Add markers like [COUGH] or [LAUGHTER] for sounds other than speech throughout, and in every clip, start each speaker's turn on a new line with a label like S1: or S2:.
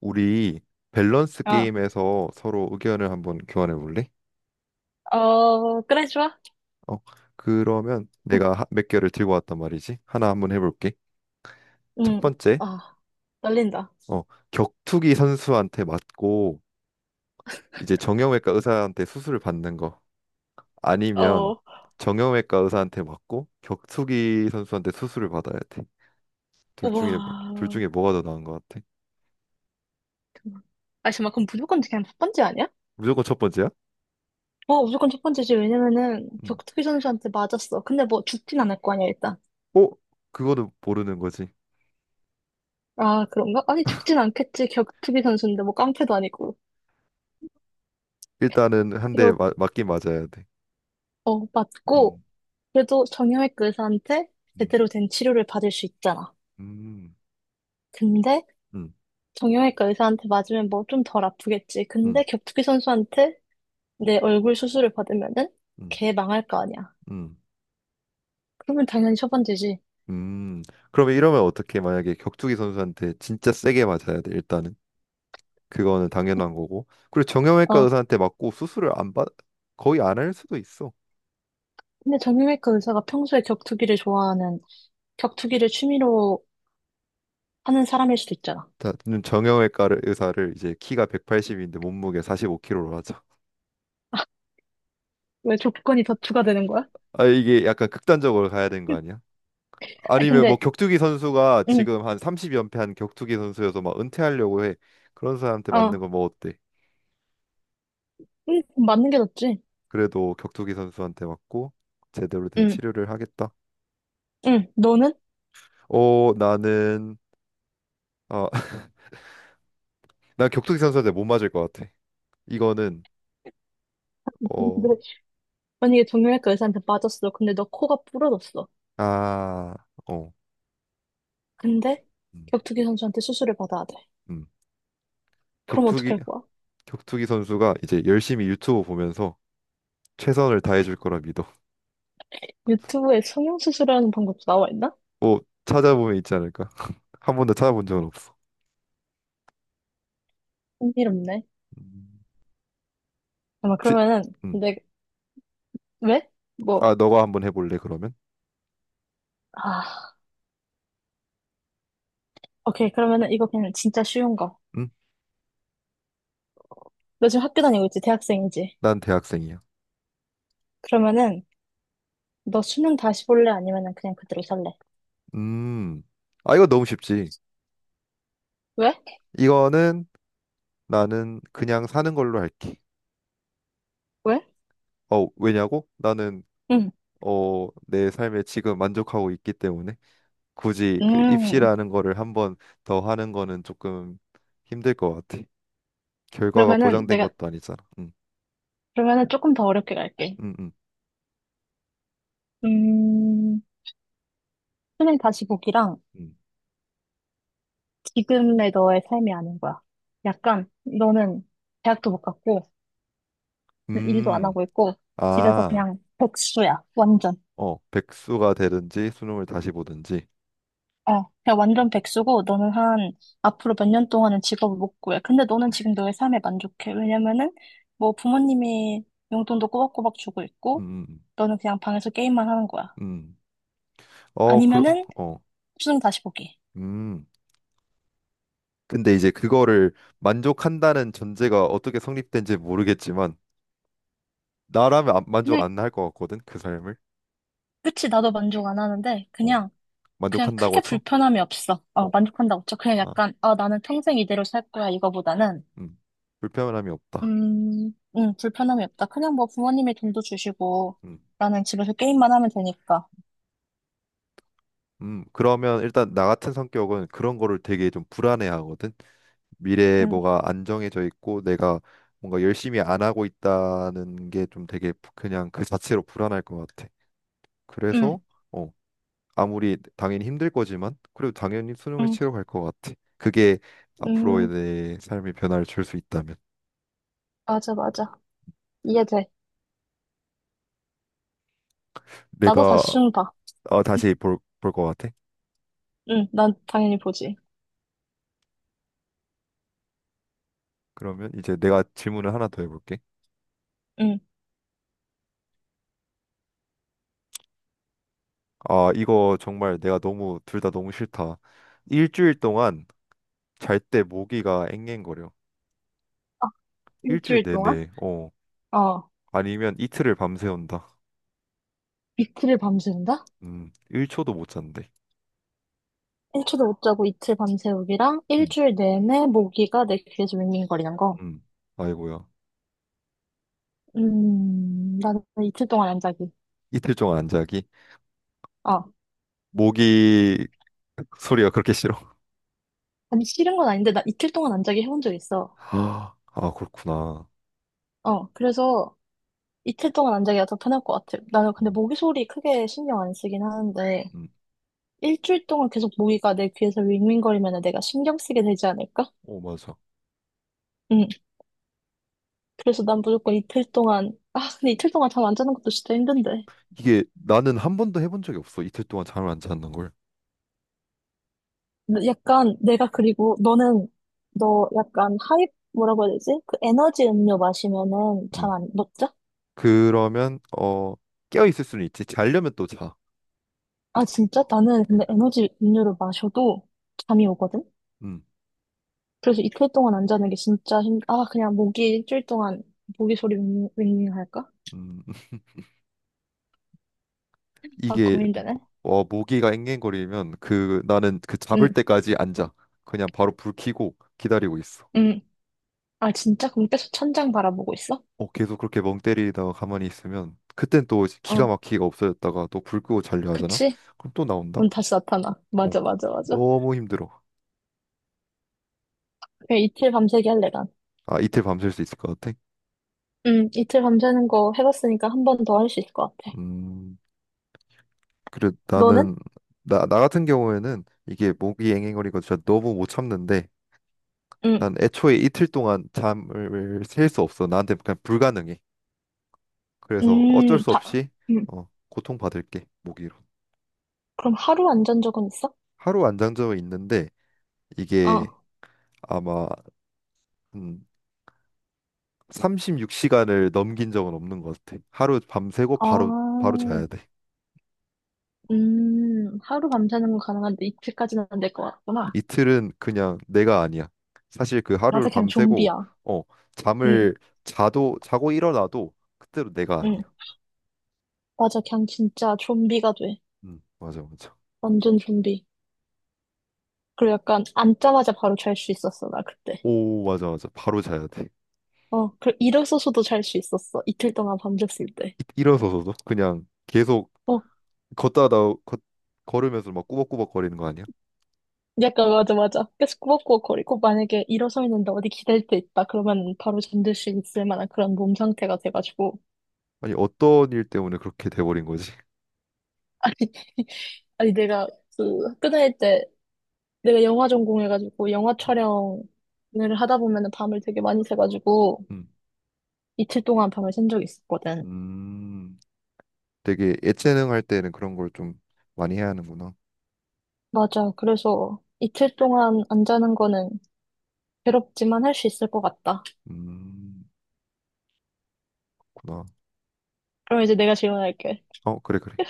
S1: 우리 밸런스
S2: 아,
S1: 게임에서 서로 의견을 한번 교환해 볼래?
S2: 어, 그래, 좋아.
S1: 어, 그러면 내가 몇 개를 들고 왔단 말이지. 하나 한번 해볼게. 첫
S2: 응.
S1: 번째,
S2: 아, 떨린다.
S1: 어, 격투기 선수한테 맞고 이제 정형외과 의사한테 수술을 받는 거. 아니면
S2: 어,
S1: 정형외과 의사한테 맞고 격투기 선수한테 수술을 받아야 돼. 둘
S2: 우와.
S1: 중에 둘 중에 뭐가 더 나은 것 같아?
S2: 아, 잠깐만, 그럼 무조건 그냥 첫 번째 아니야?
S1: 무조건 첫 번째야?
S2: 어, 무조건 첫 번째지. 왜냐면은,
S1: 음.
S2: 격투기 선수한테 맞았어. 근데 뭐, 죽진 않을 거 아니야, 일단.
S1: 어? 그거는 모르는 거지.
S2: 아, 그런가? 아니, 죽진 않겠지. 격투기 선수인데, 뭐, 깡패도 아니고.
S1: 일단은 한 대
S2: 그러,
S1: 맞긴 맞아야 돼.
S2: 어, 맞고,
S1: 음.
S2: 그래도 정형외과 의사한테
S1: 음.
S2: 제대로 된 치료를 받을 수 있잖아.
S1: 음.
S2: 근데,
S1: 음,
S2: 정형외과 의사한테 맞으면 뭐, 좀 덜 아프겠지. 근데,
S1: 음,
S2: 격투기 선수한테 내 얼굴 수술을 받으면은
S1: 음,
S2: 개 망할 거 아니야.
S1: 음,
S2: 그러면 당연히 처방되지.
S1: 음. 그러면 이러면 어떻게 만약에 격투기 선수한테 진짜 세게 맞아야 돼 일단은 그거는 당연한 거고 그리고 정형외과
S2: 어.
S1: 의사한테 맞고 수술을 안 받, 거의 안 할 수도 있어.
S2: 근데 정형외과 의사가 평소에 격투기를 취미로 하는 사람일 수도 있잖아.
S1: 자, 정형외과를 의사를 이제 키가 180인데 몸무게 45kg로 하자.
S2: 왜 조건이 더 추가되는 거야?
S1: 아 이게 약간 극단적으로 가야 되는 거 아니야?
S2: 아니
S1: 아니면 뭐
S2: 근데
S1: 격투기 선수가
S2: 응,
S1: 지금 한 30연패한 격투기 선수여서 막 은퇴하려고 해. 그런 사람한테 맞는
S2: 어,
S1: 거 뭐 어때?
S2: 응, 맞는 게 낫지.
S1: 그래도 격투기 선수한테 맞고 제대로 된
S2: 응,
S1: 치료를 하겠다.
S2: 응, 너는?
S1: 나는 어, [LAUGHS] 난 격투기 선수한테 못 맞을 것 같아. 이거는
S2: [LAUGHS] 근데
S1: 어,
S2: 만약에 정형외과 의사한테 맞았어. 근데 너 코가 부러졌어.
S1: 아, 어,
S2: 근데
S1: 음,
S2: 격투기 선수한테 수술을 받아야 돼.
S1: 음.
S2: 그럼
S1: 격투기
S2: 어떻게 할 거야?
S1: 격투기 선수가 이제 열심히 유튜브 보면서 최선을 다해줄 거라 믿어.
S2: 유튜브에 성형수술하는 방법도 나와 있나?
S1: 뭐 찾아보면 있지 않을까? [LAUGHS] 한 번도 찾아본 적은 없어.
S2: 흥미롭네.
S1: 음,
S2: 아마
S1: 혹시
S2: 그러면은
S1: 음,
S2: 내 왜? 뭐,
S1: 아, 너가 한번 해볼래 그러면?
S2: 아, 오케이. 그러면은 이거 그냥 진짜 쉬운 거.
S1: 음,
S2: 너 지금 학교 다니고 있지? 대학생이지?
S1: 난 대학생이야.
S2: 그러면은 너 수능 다시 볼래? 아니면은 그냥 그대로 살래?
S1: 음, 아 이거 너무 쉽지.
S2: 왜?
S1: 이거는 나는 그냥 사는 걸로 할게.
S2: 왜?
S1: 어, 왜냐고? 나는
S2: 응.
S1: 내 삶에 지금 만족하고 있기 때문에 굳이 그
S2: 음,
S1: 입시라는 거를 한번 더 하는 거는 조금 힘들 것 같아. 결과가
S2: 그러면은
S1: 보장된
S2: 내가,
S1: 것도 아니잖아.
S2: 그러면은 조금 더 어렵게 갈게.
S1: 음, 음,
S2: 음, 수능 다시 보기랑
S1: 음.
S2: 지금의 너의 삶이 아닌 거야. 약간 너는 대학도 못 갔고, 일도 안
S1: 음,
S2: 하고 있고, 집에서
S1: 아,
S2: 그냥 백수야. 완전.
S1: 어, 백수가 되든지 수능을 다시 보든지.
S2: 어, 그냥 완전 백수고, 앞으로 몇 년 동안은 직업을 못 구해. 근데 너는
S1: 음,
S2: 지금 너의 삶에 만족해. 왜냐면은, 뭐 부모님이 용돈도 꼬박꼬박 주고 있고,
S1: 음,
S2: 너는 그냥 방에서 게임만 하는 거야.
S1: 음. 어, 그러,
S2: 아니면은,
S1: 어,
S2: 수능 다시 보기.
S1: 음. 근데 이제 그거를 만족한다는 전제가 어떻게 성립된지 모르겠지만 나라면 만족
S2: 그냥,
S1: 안 할 것 같거든 그 삶을.
S2: 그치, 나도 만족 안 하는데,
S1: 어,
S2: 그냥, 그냥 크게
S1: 만족한다고 쳐?
S2: 불편함이 없어. 어,
S1: 어.
S2: 만족한다고 쳐. 그냥
S1: 아.
S2: 약간, 아, 나는 평생 이대로 살 거야, 이거보다는.
S1: 음, 불편함이 없다.
S2: 불편함이 없다. 그냥 뭐 부모님이 돈도 주시고,
S1: 음,
S2: 나는 집에서 게임만 하면 되니까.
S1: 그러면 일단 나 같은 성격은 그런 거를 되게 좀 불안해하거든. 미래에
S2: 음,
S1: 뭐가 안정해져 있고 내가 뭔가 열심히 안 하고 있다는 게 좀 되게 그냥 그 자체로 불안할 것 같아.
S2: 음.
S1: 그래서 어, 아무리 당연히 힘들 거지만 그래도 당연히 수능을
S2: 음.
S1: 치러 갈 것 같아. 그게 앞으로의
S2: 음,
S1: 내 삶의 변화를 줄 수 있다면
S2: 맞아, 맞아. 이해돼. 나도
S1: 내가
S2: 다시 준다.
S1: 어, 다시 볼 것 같아.
S2: 응, 난 당연히 보지.
S1: 그러면 이제 내가 질문을 하나 더 해볼게.
S2: 응.
S1: 아, 이거 정말 내가 너무 둘 다 너무 싫다. 일주일 동안 잘 때 모기가 앵앵거려.
S2: 아,
S1: 일주일
S2: 일주일 동안?
S1: 내내. 어.
S2: 어.
S1: 아니면 이틀을 밤새운다.
S2: 이틀을 밤새운다?
S1: 1초도 못 잔대.
S2: 일초도 못 자고 이틀 밤새우기랑
S1: 음.
S2: 일주일 내내 모기가 내 귀에서 윙윙거리는 거.
S1: 음. 아이고야.
S2: 나는 이틀 동안 안 자기.
S1: 이틀 동안 안 자기?
S2: 어.
S1: 모기 [LAUGHS] 소리가 그렇게 싫어?
S2: 아니, 싫은 건 아닌데, 나 이틀 동안 안 자기 해본 적 있어.
S1: [GASPS] 아, 아, 그렇구나.
S2: 어, 그래서 이틀 동안 안 자기가 더 편할 것 같아. 나는 근데
S1: 음.
S2: 모기 소리 크게 신경 안 쓰긴 하는데,
S1: 음.
S2: 일주일 동안 계속 모기가 내 귀에서 윙윙거리면 내가 신경 쓰게 되지 않을까?
S1: 어, 맞아.
S2: 응. 그래서 난 무조건 이틀 동안, 아, 근데 이틀 동안 잠 안 자는 것도 진짜 힘든데.
S1: 이게 나는 한 번도 해본 적이 없어. 이틀 동안 잠을 안 자는 걸.
S2: 근데 약간 내가 그리고 너는, 너 약간 하이, 뭐라고 해야 되지? 그 에너지 음료 마시면은 잠
S1: 음.
S2: 안, 못 자?
S1: 그러면 어, 깨어 있을 수는 있지. 자려면 또 자.
S2: 아, 진짜? 나는 근데
S1: 음.
S2: 에너지 음료를 마셔도 잠이 오거든?
S1: 음.
S2: 그래서 이틀 동안 안 자는 게 진짜 아, 그냥 모기 일주일 동안 모기 소리 윙윙 할까?
S1: 음.
S2: 아,
S1: 이게
S2: 고민되네.
S1: 어, 모기가 앵앵거리면 그 나는 그 잡을
S2: 응,
S1: 때까지 앉아. 그냥 바로 불 켜고 기다리고 있어.
S2: 응, 아, 진짜? 그럼 계속 천장 바라보고 있어?
S1: 어, 계속 그렇게 멍 때리다가 가만히 있으면 그땐 또 이제 기가
S2: 어,
S1: 막히게 없어졌다가 또 불 끄고 자려 하잖아.
S2: 그치?
S1: 그럼 또 나온다.
S2: 그럼 다시 나타나.
S1: 어,
S2: 맞아, 맞아, 맞아.
S1: 너무 힘들어.
S2: 그냥 이틀 밤새기 할래, 난.
S1: 아, 이틀 밤샐 수 있을 것 같아.
S2: 응, 이틀 밤새는 거 해봤으니까 한 번 더 할 수 있을 것 같아.
S1: 음, 그래
S2: 너는?
S1: 나는 나 같은 경우에는 이게 모기 앵앵거리고 진짜 너무 못 참는데
S2: 응,
S1: 난 애초에 이틀 동안 잠을 셀 수 없어. 나한테 그냥 불가능해. 그래서 어쩔
S2: 음,
S1: 수
S2: 다,
S1: 없이
S2: 음.
S1: 어, 고통받을게 모기로.
S2: 그럼 하루 안 잔 적은 있어?
S1: 하루 안장점은 있는데 이게
S2: 어,
S1: 아마 음, 36시간을 넘긴 적은 없는 것 같아. 하루 밤새고
S2: 아,
S1: 바로 자야 돼.
S2: 하루 밤새는 건 가능한데 이틀까지는 안 될 것 같구나.
S1: 이틀은 그냥 내가 아니야. 사실 그 하루를
S2: 맞아, 그냥
S1: 밤새고
S2: 좀비야.
S1: 어
S2: 응,
S1: 잠을 자도 자고 일어나도 그때로 내가
S2: 응.
S1: 아니야.
S2: 맞아, 그냥 진짜 좀비가 돼.
S1: 맞아 맞아.
S2: 완전 좀비. 그리고 약간 앉자마자 바로 잘 수 있었어, 나 그때.
S1: 오 맞아 맞아. 바로 자야 돼.
S2: 어, 그 일어서서도 잘 수 있었어. 이틀 동안 밤샜을 때.
S1: 일어서서도 그냥 계속
S2: 어,
S1: 걷다가 걷 걸으면서 막 꾸벅꾸벅 거리는 거 아니야?
S2: 약간 맞아, 맞아. 계속 꾸벅꾸벅거리고 만약에 일어서 있는데 어디 기댈 데 있다. 그러면 바로 잠들 수 있을 만한 그런 몸 상태가 돼가지고.
S1: 아니 어떤 일 때문에 그렇게 돼버린 거지?
S2: 아니, [LAUGHS] 아니 내가 그 학교 다닐 때 내가 영화 전공해가지고 영화
S1: 음.
S2: 촬영을 하다 보면은 밤을 되게 많이 새가지고
S1: 음.
S2: 이틀 동안 밤을 샌 적이 있었거든.
S1: 음, 되게 예체능 할 때는 그런 걸 좀 많이 해야 하는구나.
S2: 맞아. 그래서 이틀 동안 안 자는 거는 괴롭지만 할 수 있을 것 같다.
S1: 음, 구나.
S2: 그럼 이제 내가 질문할게.
S1: 어 그래 그래.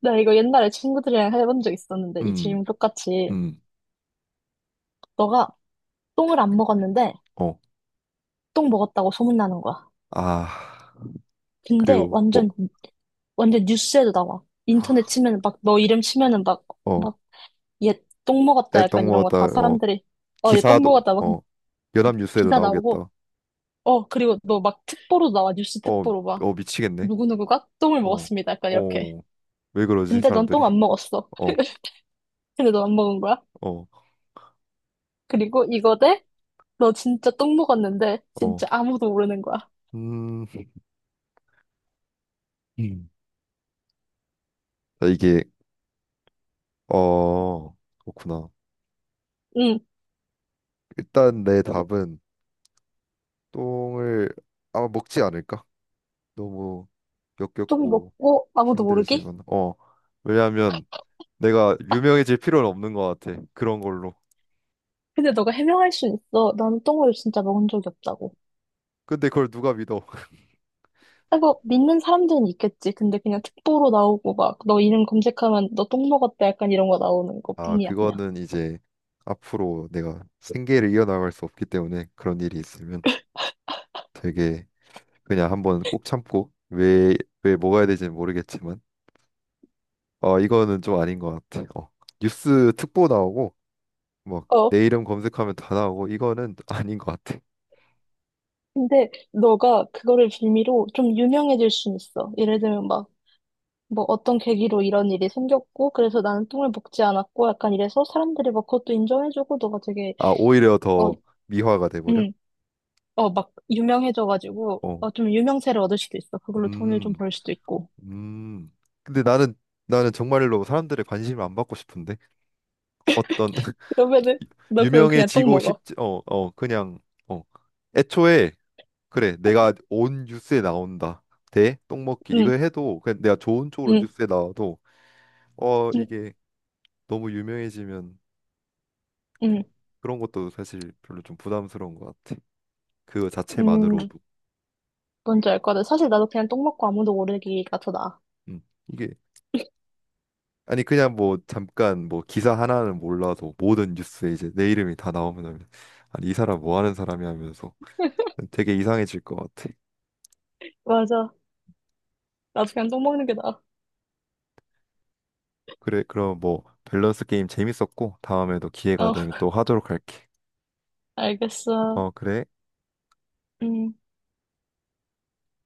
S2: 나 이거 옛날에 친구들이랑 해본 적 있었는데, 이
S1: 음,
S2: 질문 똑같이.
S1: 음,
S2: 너가 똥을 안 먹었는데,
S1: 어.
S2: 똥 먹었다고 소문나는 거야.
S1: 아
S2: 근데
S1: 그리고 뭐
S2: 완전, 완전 뉴스에도 나와. 인터넷 치면은 막, 너 이름 치면은 막,
S1: 어,
S2: 막, 얘 똥 먹었다
S1: 애떡
S2: 약간 이런 거
S1: 먹었다.
S2: 다
S1: 어
S2: 사람들이, 어, 얘 똥
S1: 기사도
S2: 먹었다 막,
S1: 어
S2: 막
S1: 연합뉴스에도
S2: 기사 나오고,
S1: 나오겠다.
S2: 어, 그리고 너 막 특보로 나와. 뉴스
S1: 어,
S2: 특보로 막,
S1: 어 미치겠네.
S2: 누구누구가 똥을
S1: 어,
S2: 먹었습니다. 약간 이렇게.
S1: 어. 왜 그러지
S2: 근데 넌 똥
S1: 사람들이?
S2: 안 먹었어.
S1: 어,
S2: [LAUGHS] 근데 너 안 먹은 거야?
S1: 어,
S2: 그리고 너 진짜 똥 먹었는데,
S1: 어.
S2: 진짜 아무도 모르는 거야.
S1: 음. 음. 아, 이게 어 그렇구나.
S2: 응,
S1: 일단 내
S2: 너,
S1: 답은 똥을 아마 먹지 않을까? 너무
S2: 똥
S1: 역겹고
S2: 먹고 아무도 모르게?
S1: 힘들지만 어 왜냐하면 내가 유명해질 필요는 없는 것 같아 그런 걸로
S2: 근데 너가 해명할 순 있어. 나는 똥을 진짜 먹은 적이 없다고.
S1: 근데 그걸 누가 믿어 [LAUGHS]
S2: 아이 믿는 사람들은 있겠지. 근데 그냥 특보로 나오고 막, 너 이름 검색하면 너 똥 먹었다 약간 이런 거 나오는
S1: 아
S2: 것뿐이야, 그냥.
S1: 그거는 이제 앞으로 내가 생계를 이어나갈 수 없기 때문에 그런 일이 있으면 되게 그냥 한번 꼭 참고 왜 먹어야 될지는 모르겠지만 어 이거는 좀 아닌 것 같아 어 뉴스 특보 나오고 막
S2: 어.
S1: 내 이름 검색하면 다 나오고 이거는 [LAUGHS] 아닌 것 같아
S2: 근데 너가 그거를 빌미로 좀 유명해질 순 있어. 예를 들면 막, 뭐 어떤 계기로 이런 일이 생겼고, 그래서 나는 똥을 먹지 않았고, 약간 이래서 사람들이 막 그것도 인정해주고, 너가 되게,
S1: 아, 오히려
S2: 어,
S1: 더 미화가 돼버려?
S2: 응. 어, 막 유명해져가지고,
S1: 어.
S2: 어, 좀 유명세를 얻을 수도 있어. 그걸로 돈을 좀
S1: 음,
S2: 벌 수도 있고.
S1: 음. 근데 나는, 나는 정말로 사람들의 관심을 안 받고 싶은데? 어떤, [LAUGHS]
S2: 그러면은 너 그럼 그냥 똥
S1: 유명해지고
S2: 먹어.
S1: 싶지, 어, 어, 그냥, 어. 애초에, 그래, 내가 온 뉴스에 나온다. 대, 똥먹기.
S2: 응,
S1: 이걸 해도, 그냥 내가 좋은 쪽으로
S2: 응,
S1: 뉴스에 나와도, 어,
S2: 응,
S1: 이게 너무 유명해지면,
S2: 응,
S1: 그, 그런 것도 사실 별로 좀 부담스러운 것 같아. 그
S2: 응.
S1: 자체만으로도.
S2: 뭔지 알 거다. 사실 나도 그냥 똥 먹고 아무도 모르기가 더 나아.
S1: 음. 이게 아니 그냥 뭐 잠깐 뭐 기사 하나는 몰라도 모든 뉴스에 이제 내 이름이 다 나오면 아니 이 사람 뭐 하는 사람이 하면서 되게 이상해질 것 같아.
S2: 맞아. 나도 그냥 똥 먹는 게 나아.
S1: 그래 그럼 뭐 밸런스 게임 재밌었고 다음에도 기회가
S2: 어, [LAUGHS]
S1: 되면 또 하도록 할게.
S2: 알겠어.
S1: 어 그래.
S2: 음.